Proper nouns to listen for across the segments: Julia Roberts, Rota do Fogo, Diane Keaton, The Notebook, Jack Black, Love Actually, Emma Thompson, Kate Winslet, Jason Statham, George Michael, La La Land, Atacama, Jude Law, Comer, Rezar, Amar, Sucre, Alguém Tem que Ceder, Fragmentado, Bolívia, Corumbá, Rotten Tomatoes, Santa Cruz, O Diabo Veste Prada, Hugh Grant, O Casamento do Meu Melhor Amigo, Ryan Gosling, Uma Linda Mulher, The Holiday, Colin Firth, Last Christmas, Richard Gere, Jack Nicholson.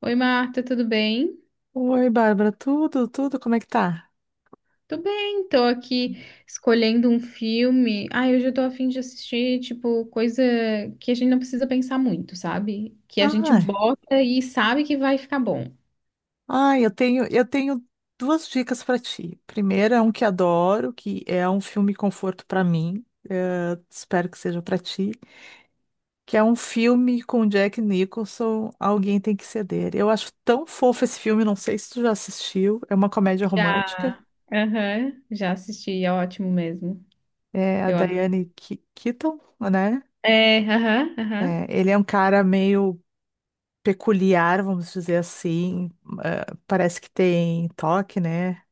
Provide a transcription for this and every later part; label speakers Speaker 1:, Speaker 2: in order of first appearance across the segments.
Speaker 1: Oi, Marta, tudo bem?
Speaker 2: Oi, Bárbara, tudo, tudo, como é que tá?
Speaker 1: Tô bem, tô aqui escolhendo um filme. Ai, hoje eu tô a fim de assistir, tipo, coisa que a gente não precisa pensar muito, sabe? Que a gente
Speaker 2: Ai,
Speaker 1: bota e sabe que vai ficar bom.
Speaker 2: ai, eu tenho duas dicas pra ti. Primeiro é um que adoro, que é um filme conforto pra mim, espero que seja pra ti, que é um filme com Jack Nicholson, Alguém Tem que Ceder. Eu acho tão fofo esse filme, não sei se tu já assistiu, é uma comédia
Speaker 1: Já.
Speaker 2: romântica,
Speaker 1: Aham, já assisti, é ótimo mesmo.
Speaker 2: é a
Speaker 1: Eu adoro.
Speaker 2: Keaton, né?
Speaker 1: É, aham,
Speaker 2: É,
Speaker 1: aham.
Speaker 2: ele é um cara meio peculiar, vamos dizer assim, parece que tem toque, né?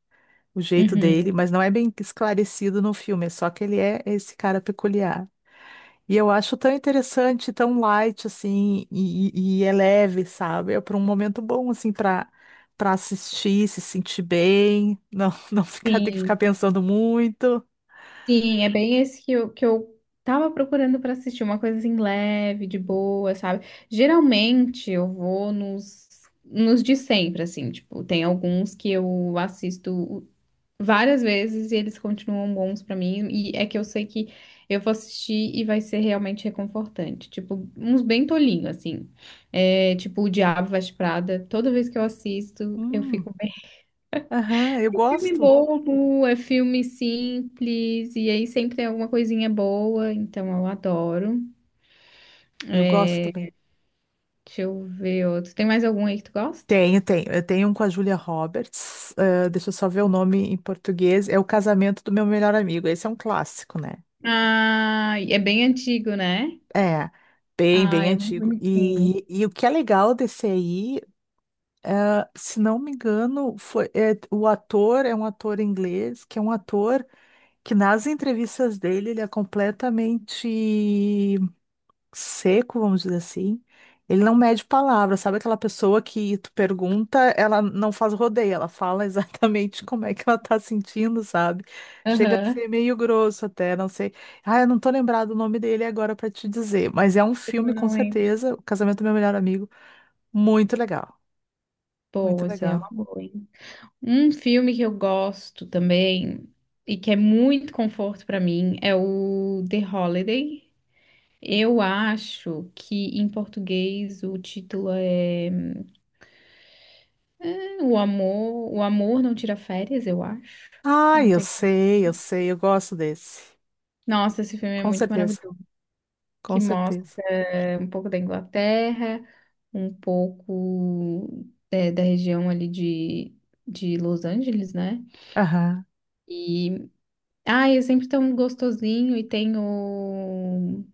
Speaker 2: O jeito dele,
Speaker 1: Uhum.
Speaker 2: mas não é bem esclarecido no filme, é só que ele é esse cara peculiar. E eu acho tão interessante, tão light, assim, e é leve, sabe? É para um momento bom, assim, para assistir, se sentir bem, não, não ficar, ter que ficar
Speaker 1: Sim.
Speaker 2: pensando muito.
Speaker 1: Sim, é bem esse que eu tava procurando pra assistir, uma coisa assim leve, de boa, sabe? Geralmente eu vou nos de sempre, assim, tipo, tem alguns que eu assisto várias vezes e eles continuam bons pra mim, e é que eu sei que eu vou assistir e vai ser realmente reconfortante, tipo, uns bem tolinho, assim, é, tipo, O Diabo Veste Prada, toda vez que eu assisto, eu fico
Speaker 2: Hum, aham,
Speaker 1: um filme bobo, é filme simples, e aí sempre tem alguma coisinha boa, então eu adoro.
Speaker 2: eu gosto também.
Speaker 1: Deixa eu ver outro. Tem mais algum aí que tu gosta?
Speaker 2: Tenho, tenho. Eu tenho um com a Julia Roberts. Deixa eu só ver o nome em português. É O Casamento do Meu Melhor Amigo. Esse é um clássico, né?
Speaker 1: Ah, é bem antigo, né?
Speaker 2: É, bem,
Speaker 1: Ah,
Speaker 2: bem
Speaker 1: é muito
Speaker 2: antigo.
Speaker 1: bonitinho.
Speaker 2: E o que é legal desse aí, ah, se não me engano, foi, é, o ator é um ator inglês, que é um ator que nas entrevistas dele ele é completamente seco, vamos dizer assim, ele não mede palavras, sabe aquela pessoa que tu pergunta, ela não faz rodeio, ela fala exatamente como é que ela tá sentindo, sabe? Chega a ser
Speaker 1: Aham.
Speaker 2: meio grosso até, não sei. Ah, eu não tô lembrado o nome dele agora pra te dizer, mas é um filme
Speaker 1: Eu
Speaker 2: com
Speaker 1: não lembro.
Speaker 2: certeza, O Casamento do Meu Melhor Amigo, muito legal, muito
Speaker 1: Boa, essa aí é uma
Speaker 2: legal.
Speaker 1: boa, hein? Um filme que eu gosto também, e que é muito conforto pra mim, é o The Holiday. Eu acho que em português o título é o amor, o amor não tira férias, eu acho.
Speaker 2: Ah,
Speaker 1: Não
Speaker 2: eu
Speaker 1: tem.
Speaker 2: sei, eu sei, eu gosto desse.
Speaker 1: Nossa, esse filme é
Speaker 2: Com
Speaker 1: muito
Speaker 2: certeza,
Speaker 1: maravilhoso, que
Speaker 2: com
Speaker 1: mostra
Speaker 2: certeza.
Speaker 1: um pouco da Inglaterra, um pouco é, da região ali de Los Angeles, né?
Speaker 2: Aham.
Speaker 1: E ai, é sempre tão gostosinho e tem o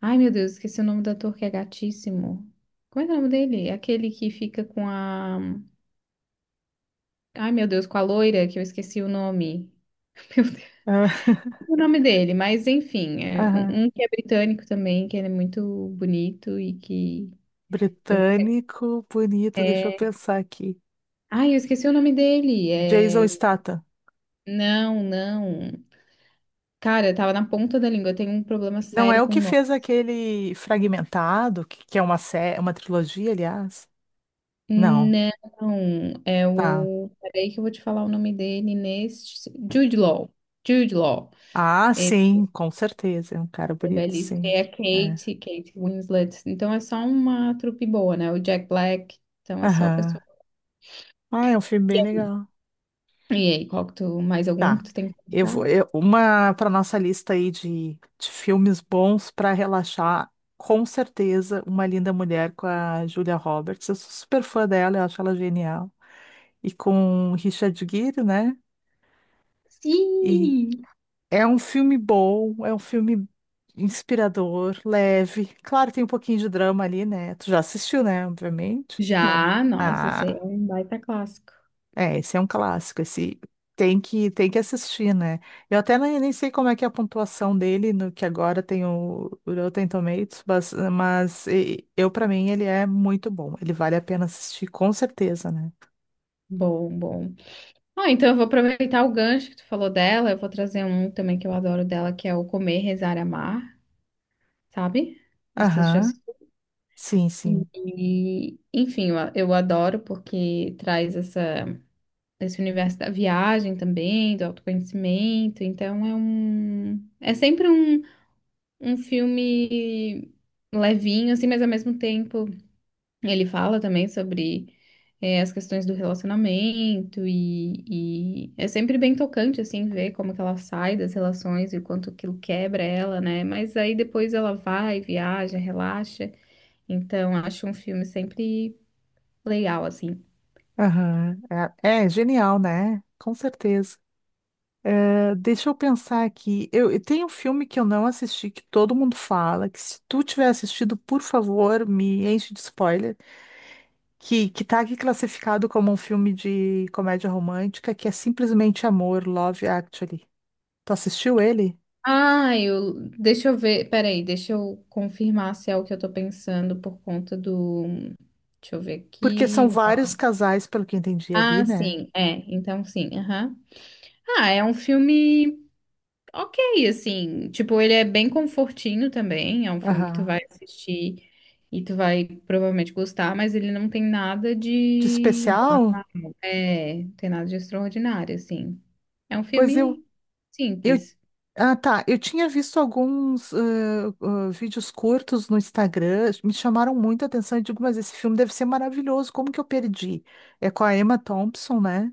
Speaker 1: ai, meu Deus, esqueci o nome do ator que é gatíssimo. Como é que é o nome dele? Aquele que fica com a ai, meu Deus, com a loira, que eu esqueci o nome,
Speaker 2: Ah,
Speaker 1: o nome dele, mas enfim, é
Speaker 2: aham.
Speaker 1: um que é britânico também, que ele é muito bonito e que eu
Speaker 2: Britânico, bonito, deixa eu
Speaker 1: é...
Speaker 2: pensar aqui.
Speaker 1: Ai, eu esqueci o nome dele.
Speaker 2: Jason
Speaker 1: É...
Speaker 2: Statham.
Speaker 1: Não, não. Cara, eu tava na ponta da língua. Eu tenho um problema
Speaker 2: Não é
Speaker 1: sério
Speaker 2: o
Speaker 1: com o
Speaker 2: que
Speaker 1: nome.
Speaker 2: fez aquele Fragmentado, que é uma uma trilogia, aliás? Não.
Speaker 1: Não, é
Speaker 2: Tá.
Speaker 1: o. Peraí que eu vou te falar o nome dele neste. Jude Law. Jude Law.
Speaker 2: Ah,
Speaker 1: Esse
Speaker 2: sim, com certeza. É um cara
Speaker 1: é
Speaker 2: bonito,
Speaker 1: belíssimo.
Speaker 2: sim.
Speaker 1: É a
Speaker 2: É.
Speaker 1: Kate, Kate Winslet. Então é só uma trupe boa, né? O Jack Black. Então é só a
Speaker 2: Aham.
Speaker 1: pessoa.
Speaker 2: Ah, é um filme bem legal.
Speaker 1: E aí, qual que tu, mais algum
Speaker 2: Tá.
Speaker 1: que tu tem que puxar?
Speaker 2: Uma para nossa lista aí de filmes bons para relaxar, com certeza, Uma Linda Mulher com a Julia Roberts. Eu sou super fã dela, eu acho ela genial. E com Richard Gere, né? E
Speaker 1: Sim!
Speaker 2: é um filme bom, é um filme inspirador, leve. Claro, tem um pouquinho de drama ali, né? Tu já assistiu, né? Obviamente. Não.
Speaker 1: Já, nossa, esse aí é
Speaker 2: Ah,
Speaker 1: um baita clássico.
Speaker 2: é, esse é um clássico, esse tem que assistir, né? Eu até nem, nem sei como é que é a pontuação dele no que agora tem o Rotten Tomatoes, mas eu para mim ele é muito bom, ele vale a pena assistir com certeza, né?
Speaker 1: Bom, bom. Ah, então eu vou aproveitar o gancho que tu falou dela, eu vou trazer um também que eu adoro dela, que é o Comer, Rezar, Amar, sabe? Não sei se já
Speaker 2: Aham.
Speaker 1: assistiu.
Speaker 2: Sim, sim.
Speaker 1: E, enfim, eu adoro porque traz essa, esse universo da viagem também, do autoconhecimento. Então é sempre um, um filme levinho, assim, mas ao mesmo tempo ele fala também sobre as questões do relacionamento e é sempre bem tocante, assim, ver como que ela sai das relações e o quanto aquilo quebra ela, né? Mas aí depois ela vai, viaja, relaxa. Então, acho um filme sempre legal, assim.
Speaker 2: Aham. É, é genial, né? Com certeza. Deixa eu pensar aqui. Eu tenho um filme que eu não assisti, que todo mundo fala, que se tu tiver assistido, por favor, me enche de spoiler, que tá aqui classificado como um filme de comédia romântica, que é simplesmente Amor, Love Actually. Tu assistiu ele?
Speaker 1: Ah, eu... Deixa eu ver... Peraí, deixa eu confirmar se é o que eu tô pensando por conta do... Deixa eu ver
Speaker 2: Porque são
Speaker 1: aqui...
Speaker 2: vários casais, pelo que eu entendi ali,
Speaker 1: Ah,
Speaker 2: né?
Speaker 1: sim, é. Então, sim, aham. Ah, é um filme... ok, assim. Tipo, ele é bem confortinho também. É um filme que tu
Speaker 2: Aham.
Speaker 1: vai assistir e tu vai provavelmente gostar, mas ele não tem nada
Speaker 2: De
Speaker 1: de.
Speaker 2: especial?
Speaker 1: É, não tem nada de extraordinário, assim. É um
Speaker 2: Pois eu.
Speaker 1: filme
Speaker 2: Eu
Speaker 1: simples.
Speaker 2: ah, tá. Eu tinha visto alguns vídeos curtos no Instagram, me chamaram muita atenção. Eu digo, mas esse filme deve ser maravilhoso, como que eu perdi? É com a Emma Thompson, né?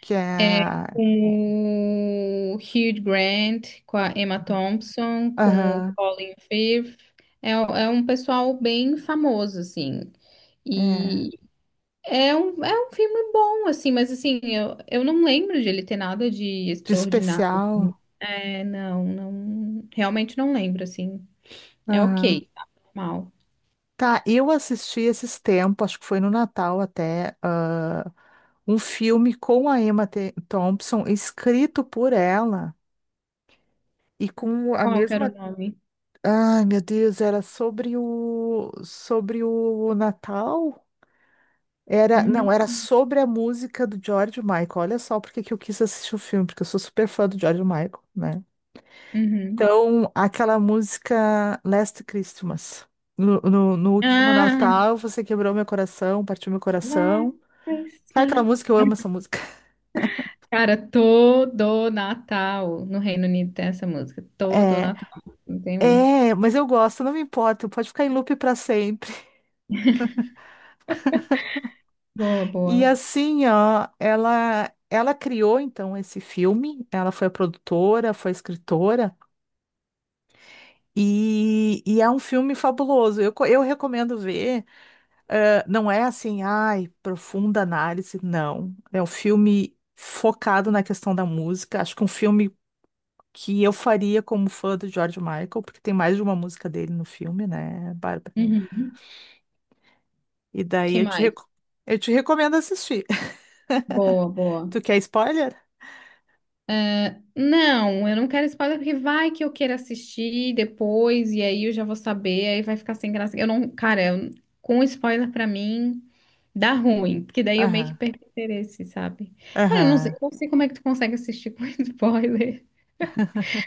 Speaker 2: Que é.
Speaker 1: É com o Hugh Grant, com a Emma Thompson, com o
Speaker 2: Aham,
Speaker 1: Colin Firth. É, é um pessoal bem famoso, assim.
Speaker 2: é.
Speaker 1: E é um filme bom, assim, mas assim, eu não lembro de ele ter nada de
Speaker 2: De
Speaker 1: extraordinário.
Speaker 2: especial.
Speaker 1: É, não, não, realmente não lembro, assim. É
Speaker 2: Aham.
Speaker 1: ok, tá normal.
Speaker 2: Tá, eu assisti esses tempos, acho que foi no Natal até, ah, um filme com a Thompson, escrito por ela e com a
Speaker 1: Qual que era o
Speaker 2: mesma.
Speaker 1: nome?
Speaker 2: Ai, meu Deus, era sobre o Natal? Era, não,
Speaker 1: Hum,
Speaker 2: era sobre a música do George Michael. Olha só porque que eu quis assistir o filme, porque eu sou super fã do George Michael, né?
Speaker 1: uhum.
Speaker 2: Então, aquela música Last Christmas. No último
Speaker 1: Ah,
Speaker 2: Natal, você quebrou meu coração, partiu meu
Speaker 1: Last
Speaker 2: coração. Sabe aquela
Speaker 1: Christmas.
Speaker 2: música? Eu amo essa música.
Speaker 1: Cara, todo Natal no Reino Unido tem essa música. Todo
Speaker 2: É,
Speaker 1: Natal. Não tem um.
Speaker 2: é, mas eu gosto, não me importa, pode ficar em loop pra sempre.
Speaker 1: Boa,
Speaker 2: E
Speaker 1: boa.
Speaker 2: assim, ó, ela criou então esse filme, ela foi a produtora, foi a escritora, e é um filme fabuloso. Eu recomendo ver. Não é assim, ai, profunda análise, não. É um filme focado na questão da música. Acho que um filme que eu faria como fã do George Michael, porque tem mais de uma música dele no filme, né, Bárbara?
Speaker 1: Uhum.
Speaker 2: E daí
Speaker 1: Que mais?
Speaker 2: eu te recomendo assistir.
Speaker 1: Boa, boa.
Speaker 2: Tu quer spoiler?
Speaker 1: Não, eu não quero spoiler porque vai que eu queira assistir depois e aí eu já vou saber, aí vai ficar sem graça. Eu não, cara, eu- com spoiler pra mim dá ruim, porque daí eu meio que
Speaker 2: Aham,
Speaker 1: perco o interesse, sabe? Cara, eu não sei,
Speaker 2: aham.
Speaker 1: eu não sei como é que tu consegue assistir com spoiler.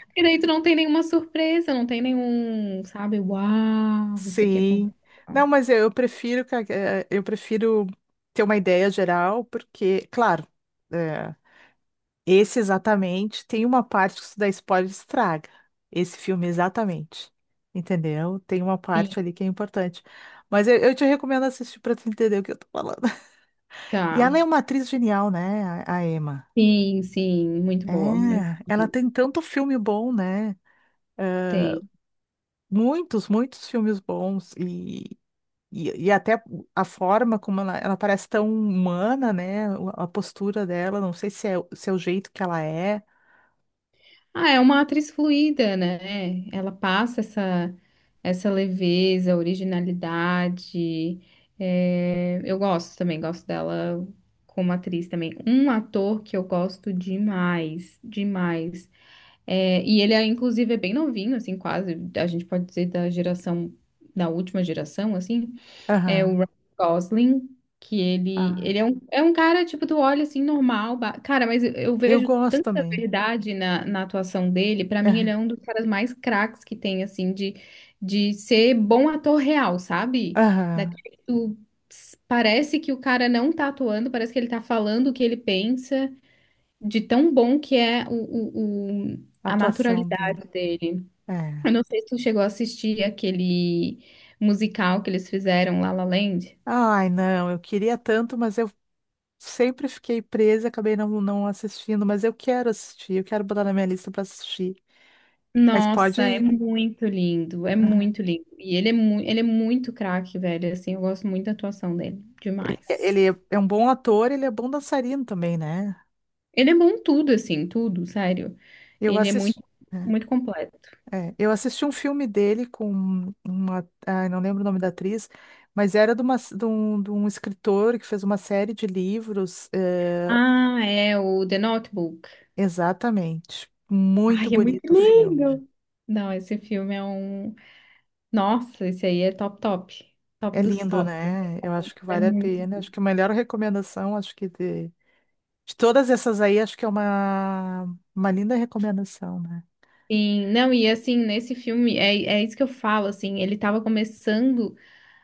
Speaker 1: Porque daí tu não tem nenhuma surpresa, não tem nenhum, sabe? Uau, isso aqui
Speaker 2: Sim.
Speaker 1: aconteceu.
Speaker 2: Não, mas eu prefiro, eu prefiro ter uma ideia geral, porque, claro, eh, esse exatamente tem uma parte que se dá spoiler estraga. Esse filme exatamente. Entendeu? Tem uma
Speaker 1: Sim,
Speaker 2: parte ali que é importante. Mas eu te recomendo assistir para tu entender o que eu tô falando. E
Speaker 1: tá.
Speaker 2: ela é uma atriz genial, né, a Emma?
Speaker 1: Sim, sim, muito
Speaker 2: É,
Speaker 1: boa, muito
Speaker 2: ela
Speaker 1: boa.
Speaker 2: tem tanto filme bom, né?
Speaker 1: Tem.
Speaker 2: Muitos, muitos filmes bons. E até a forma como ela parece tão humana, né? A postura dela, não sei se é, se é o jeito que ela é.
Speaker 1: Ah, é uma atriz fluida, né? Ela passa essa, essa leveza, originalidade. É, eu gosto também, gosto dela como atriz também. Um ator que eu gosto demais, demais. É, e ele, é, inclusive, é bem novinho, assim, quase, a gente pode dizer da geração, da última geração, assim. É o
Speaker 2: Aham.
Speaker 1: Ryan Gosling, que ele,
Speaker 2: Ah,
Speaker 1: ele é um cara, tipo, tu olha assim, normal. Ba- Cara, mas eu
Speaker 2: eu
Speaker 1: vejo
Speaker 2: gosto
Speaker 1: tanta
Speaker 2: também.
Speaker 1: verdade na, na atuação dele. Pra mim, ele
Speaker 2: Aham.
Speaker 1: é um dos caras mais craques que tem, assim, de ser bom ator real, sabe?
Speaker 2: Aham.
Speaker 1: Daquele que tu, ps- parece que o cara não tá atuando, parece que ele tá falando o que ele pensa, de tão bom que é o-
Speaker 2: A
Speaker 1: a
Speaker 2: atuação dele.
Speaker 1: naturalidade dele. Eu
Speaker 2: É.
Speaker 1: não sei se tu chegou a assistir aquele musical que eles fizeram, La La Land.
Speaker 2: Ai, não, eu queria tanto, mas eu sempre fiquei presa, acabei não assistindo, mas eu quero assistir, eu quero botar na minha lista para assistir. Mas
Speaker 1: Nossa, é
Speaker 2: pode.
Speaker 1: muito lindo, é muito lindo. E ele é, mu ele é muito craque, velho. Assim, eu gosto muito da atuação dele, demais.
Speaker 2: Ele é É um bom ator, ele é bom dançarino também, né?
Speaker 1: Ele é bom em tudo, assim, tudo, sério.
Speaker 2: Eu
Speaker 1: Ele é
Speaker 2: assisti.
Speaker 1: muito,
Speaker 2: Né?
Speaker 1: muito completo.
Speaker 2: É, eu assisti um filme dele com uma, ai, não lembro o nome da atriz, mas era de um escritor que fez uma série de livros, eh,
Speaker 1: Ah, é o The Notebook.
Speaker 2: exatamente. Muito
Speaker 1: Ai, é muito
Speaker 2: bonito o filme.
Speaker 1: lindo. Não, esse filme é um. Nossa, esse aí é top, top. Top
Speaker 2: É
Speaker 1: dos
Speaker 2: lindo,
Speaker 1: tops.
Speaker 2: né? Eu acho
Speaker 1: Assim,
Speaker 2: que
Speaker 1: é
Speaker 2: vale a
Speaker 1: muito.
Speaker 2: pena. Acho que a melhor recomendação, acho que de todas essas aí, acho que é uma linda recomendação, né?
Speaker 1: Sim, não, e assim, nesse filme, é, é isso que eu falo, assim, ele tava começando,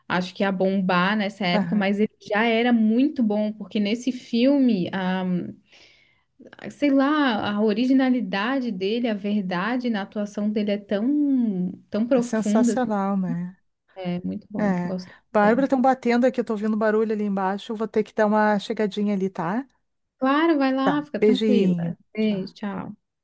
Speaker 1: acho que a bombar nessa época,
Speaker 2: Aham.
Speaker 1: mas ele já era muito bom, porque nesse filme, a, sei lá, a originalidade dele, a verdade na atuação dele é tão, tão
Speaker 2: É
Speaker 1: profunda, assim,
Speaker 2: sensacional, né?
Speaker 1: é muito bom,
Speaker 2: É.
Speaker 1: gosto
Speaker 2: Bárbara,
Speaker 1: dele.
Speaker 2: estão batendo aqui, eu tô ouvindo barulho ali embaixo. Eu vou ter que dar uma chegadinha ali, tá?
Speaker 1: Claro, vai lá, fica
Speaker 2: Beijinho.
Speaker 1: tranquila.
Speaker 2: Tchau.
Speaker 1: Beijo, tchau.